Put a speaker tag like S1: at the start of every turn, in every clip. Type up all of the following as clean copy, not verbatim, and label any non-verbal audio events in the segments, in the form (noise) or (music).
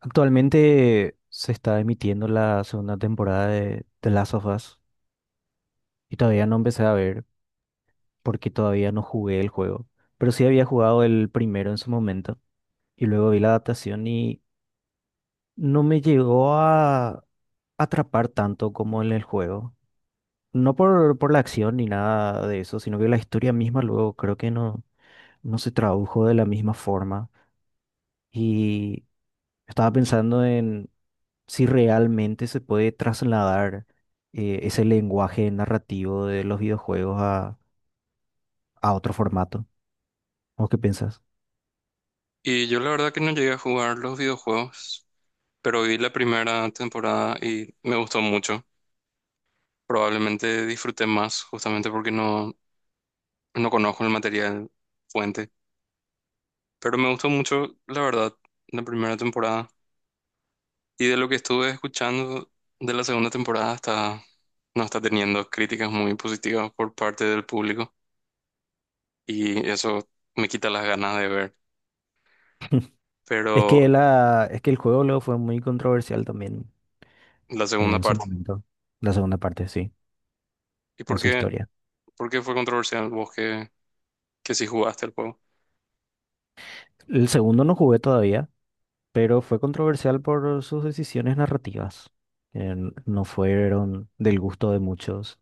S1: Actualmente se está emitiendo la segunda temporada de The Last of Us y todavía no empecé a ver porque todavía no jugué el juego. Pero sí había jugado el primero en su momento y luego vi la adaptación y no me llegó a atrapar tanto como en el juego. No por la acción ni nada de eso, sino que la historia misma luego creo que no, no se tradujo de la misma forma. Y estaba pensando si realmente se puede trasladar ese lenguaje narrativo de los videojuegos a otro formato. ¿O qué piensas?
S2: Y yo la verdad que no llegué a jugar los videojuegos, pero vi la primera temporada y me gustó mucho. Probablemente disfruté más justamente porque no conozco el material fuente, pero me gustó mucho, la verdad, la primera temporada. Y de lo que estuve escuchando de la segunda temporada no está teniendo críticas muy positivas por parte del público y eso me quita las ganas de ver, pero
S1: Es que el juego luego fue muy controversial también
S2: la segunda
S1: en su
S2: parte.
S1: momento. La segunda parte, sí,
S2: ¿Y
S1: en
S2: por
S1: su
S2: qué,
S1: historia.
S2: por qué fue controversial vos que sí jugaste el juego?
S1: El segundo no jugué todavía, pero fue controversial por sus decisiones narrativas, no fueron del gusto de muchos.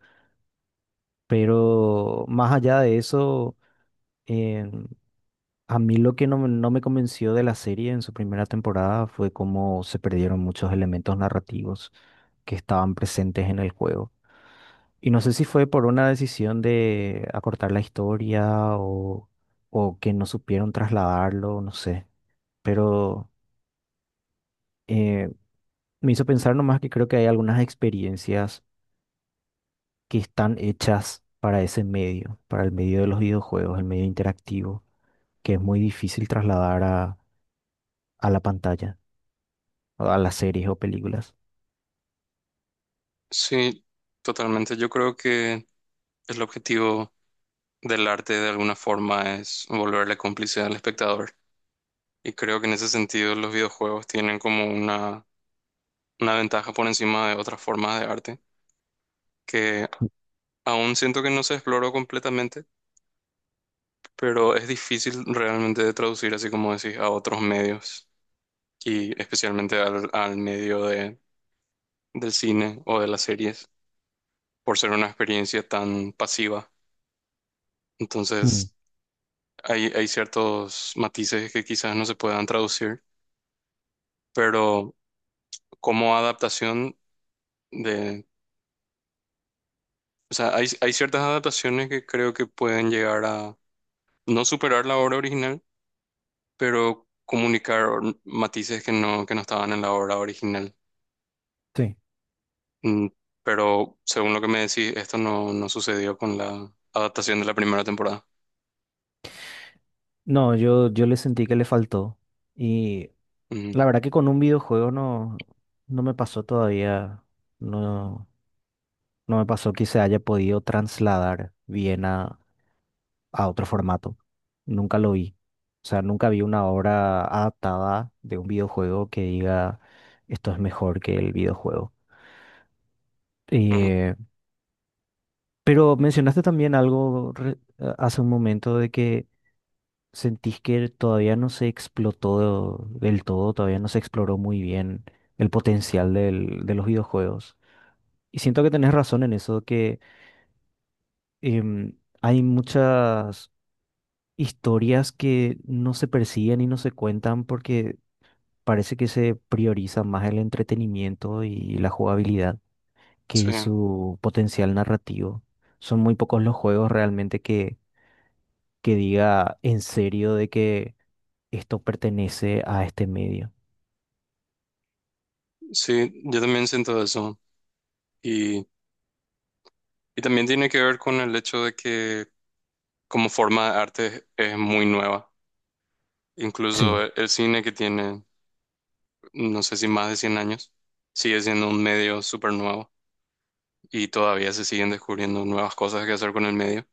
S1: Pero más allá de eso, a mí lo que no, no me convenció de la serie en su primera temporada fue cómo se perdieron muchos elementos narrativos que estaban presentes en el juego. Y no sé si fue por una decisión de acortar la historia o que no supieron trasladarlo, no sé. Pero eh, me hizo pensar nomás que creo que hay algunas experiencias que están hechas para ese medio, para el medio de los videojuegos, el medio interactivo, que es muy difícil trasladar a la pantalla, a las series o películas.
S2: Sí, totalmente. Yo creo que el objetivo del arte de alguna forma es volverle cómplice al espectador. Y creo que en ese sentido los videojuegos tienen como una ventaja por encima de otras formas de arte que aún siento que no se exploró completamente, pero es difícil realmente de traducir, así como decís, a otros medios y especialmente al medio del cine o de las series por ser una experiencia tan pasiva.
S1: Mm,
S2: Entonces... Hay ciertos matices que quizás no se puedan traducir, pero como adaptación de... O sea, hay ciertas adaptaciones que creo que pueden llegar a no superar la obra original, pero comunicar matices que no estaban en la obra original.
S1: sí.
S2: Mm, pero según lo que me decís, esto no, no sucedió con la adaptación de la primera temporada.
S1: No, yo le sentí que le faltó. Y
S2: Mm,
S1: la verdad que con un videojuego no, no me pasó todavía. No, no me pasó que se haya podido trasladar bien a otro formato. Nunca lo vi. O sea, nunca vi una obra adaptada de un videojuego que diga esto es mejor que el videojuego.
S2: ujú.
S1: Eh, pero mencionaste también algo hace un momento de que, ¿sentís que todavía no se explotó del todo, todavía no se exploró muy bien el potencial de los videojuegos? Y siento que tenés razón en eso, que hay muchas historias que no se persiguen y no se cuentan porque parece que se prioriza más el entretenimiento y la jugabilidad
S2: Sí,
S1: que su potencial narrativo. Son muy pocos los juegos realmente que diga en serio de que esto pertenece a este medio.
S2: sí, yo también siento eso. Y, y también tiene que ver con el hecho de que como forma de arte es muy nueva. Incluso
S1: Sí.
S2: el cine que tiene, no sé si más de 100 años, sigue siendo un medio súper nuevo y todavía se siguen descubriendo nuevas cosas que hacer con el medio.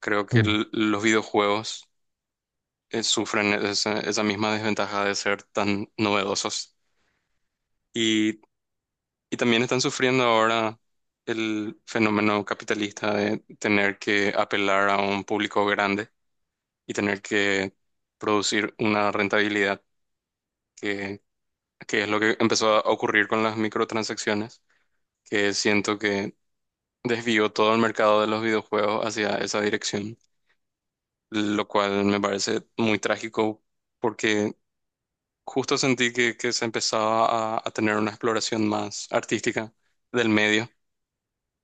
S2: Creo que
S1: Mm,
S2: el- los videojuegos sufren esa, esa misma desventaja de ser tan novedosos y, y también están sufriendo ahora el fenómeno capitalista de tener que apelar a un público grande y tener que producir una rentabilidad, que es lo que empezó a ocurrir con las microtransacciones, que siento que desvió todo el mercado de los videojuegos hacia esa dirección, lo cual me parece muy trágico porque justo sentí que se empezaba a tener una exploración más artística del medio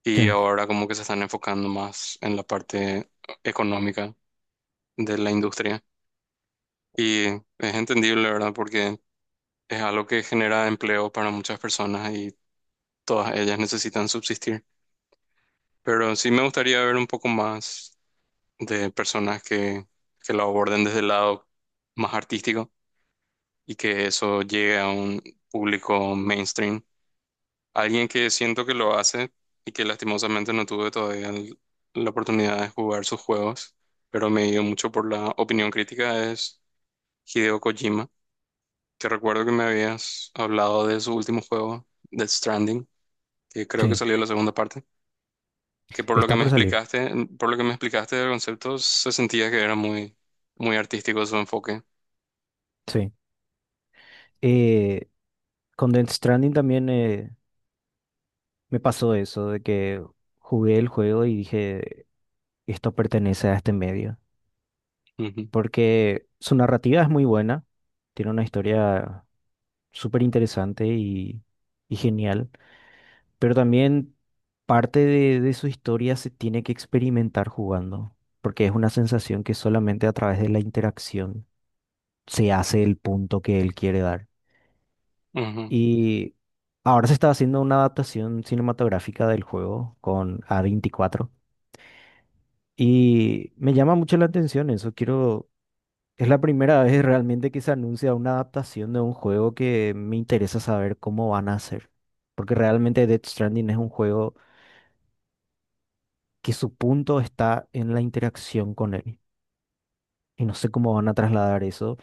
S2: y
S1: sí,
S2: ahora como que se están enfocando más en la parte económica de la industria. Y es entendible, ¿verdad? Porque es algo que genera empleo para muchas personas y todas ellas necesitan subsistir. Pero sí me gustaría ver un poco más de personas que lo aborden desde el lado más artístico y que eso llegue a un público mainstream. Alguien que siento que lo hace y que lastimosamente no tuve todavía el- la oportunidad de jugar sus juegos, pero me dio mucho por la opinión crítica es Hideo Kojima, que recuerdo que me habías hablado de su último juego, Death Stranding, que creo que
S1: sí.
S2: salió la segunda parte. Que por lo que
S1: Está
S2: me
S1: por salir,
S2: explicaste, Por lo que me explicaste del concepto, se sentía que era muy artístico su enfoque.
S1: sí. Eh, con Death Stranding también me pasó eso, de que jugué el juego y dije, esto pertenece a este medio.
S2: Ujú,
S1: Porque su narrativa es muy buena, tiene una historia súper interesante y genial, pero también parte de su historia se tiene que experimentar jugando, porque es una sensación que solamente a través de la interacción se hace el punto que él quiere dar.
S2: ujú.
S1: Y ahora se está haciendo una adaptación cinematográfica del juego con A24. Y me llama mucho la atención eso. Quiero. Es la primera vez realmente que se anuncia una adaptación de un juego que me interesa saber cómo van a hacer. Porque realmente Death Stranding es un juego que su punto está en la interacción con él. Y no sé cómo van a trasladar eso.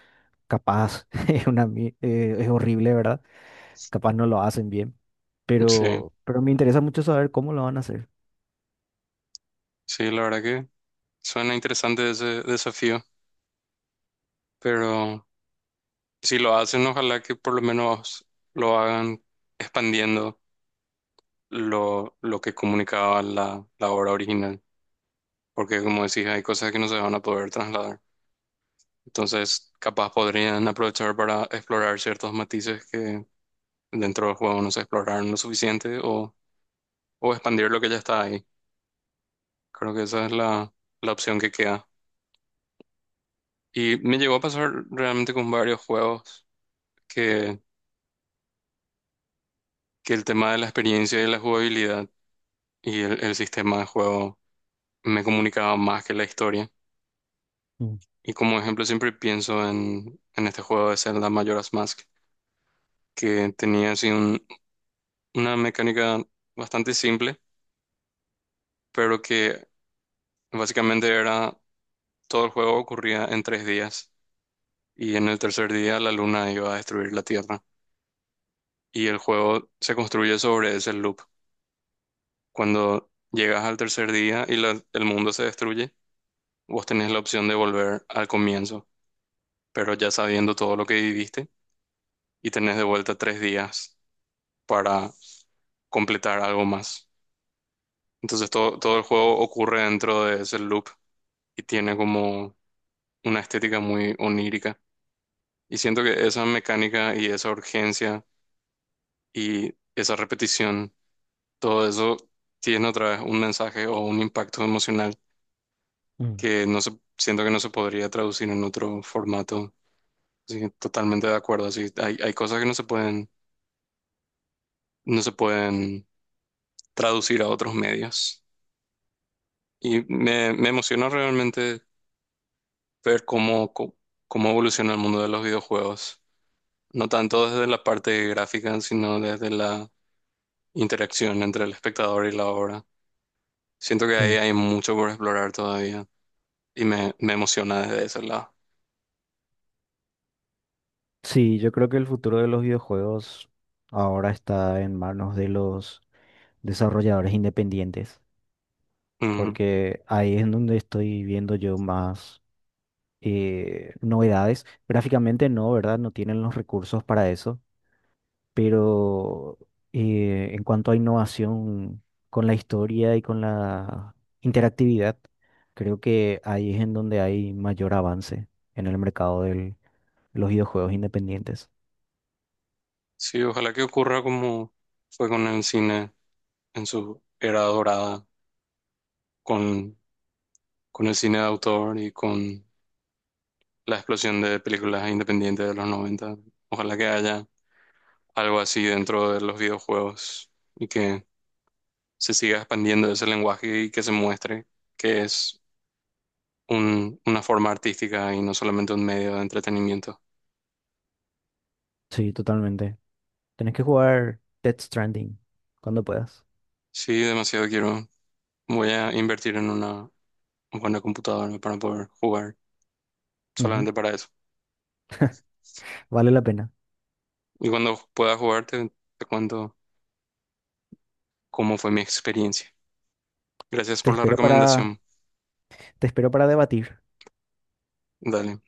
S1: Capaz (laughs) es horrible, ¿verdad? Capaz no lo hacen bien.
S2: Sí,
S1: Pero me interesa mucho saber cómo lo van a hacer.
S2: sí, la verdad que suena interesante ese desafío, pero si lo hacen, ojalá que por lo menos lo hagan expandiendo lo que comunicaba la obra original, porque como decís, hay cosas que no se van a poder trasladar. Entonces, capaz podrían aprovechar para explorar ciertos matices que dentro del juego no se exploraron lo suficiente o expandir lo que ya está ahí. Creo que esa es la opción que queda. Y me llegó a pasar realmente con varios juegos que, que el tema de la experiencia y la jugabilidad y el sistema de juego me comunicaba más que la historia. Y como ejemplo siempre pienso en este juego de Zelda Majora's Mask, que tenía así un- una mecánica bastante simple, pero que básicamente era todo el juego ocurría en 3 días y en el tercer día la luna iba a destruir la Tierra. Y el juego se construye sobre ese loop. Cuando llegas al tercer día y la- el mundo se destruye, vos tenés la opción de volver al comienzo, pero ya sabiendo todo lo que viviste y tenés de vuelta 3 días para completar algo más. Entonces todo el juego ocurre dentro de ese loop y tiene como una estética muy onírica. Y siento que esa mecánica y esa urgencia y esa repetición, todo eso tiene otra vez un mensaje o un impacto emocional
S1: Mm,
S2: que no se, siento que no se podría traducir en otro formato. Así que totalmente de acuerdo. Así, hay cosas que no se pueden traducir a otros medios. Y me emociona realmente ver cómo, co- cómo evoluciona el mundo de los videojuegos. No tanto desde la parte gráfica, sino desde la interacción entre el espectador y la obra. Siento que ahí
S1: sí.
S2: hay mucho por explorar todavía y me emociona desde ese lado.
S1: Sí, yo creo que el futuro de los videojuegos ahora está en manos de los desarrolladores independientes,
S2: Ujú.
S1: porque ahí es en donde estoy viendo yo más novedades. Gráficamente no, ¿verdad? No tienen los recursos para eso, pero en cuanto a innovación con la historia y con la interactividad, creo que ahí es en donde hay mayor avance en el mercado de los videojuegos independientes.
S2: Sí, ojalá que ocurra como fue con el cine en su era dorada con, con el cine de autor y con la explosión de películas independientes de los noventa. Ojalá que haya algo así dentro de los videojuegos y que se siga expandiendo ese lenguaje y que se muestre que es un- una forma artística y no solamente un medio de entretenimiento.
S1: Sí, totalmente. Tenés que jugar Death Stranding cuando puedas.
S2: Sí, demasiado quiero. Voy a invertir en una buena computadora para poder jugar
S1: Ujú,
S2: solamente para eso.
S1: vale la pena.
S2: Y cuando pueda jugar te cuento cómo fue mi experiencia. Gracias
S1: Te
S2: por la
S1: espero para,
S2: recomendación.
S1: te espero para debatir.
S2: Dale.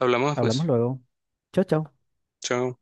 S2: Hablamos
S1: Hablamos
S2: después.
S1: luego. Chao, chao.
S2: Chao.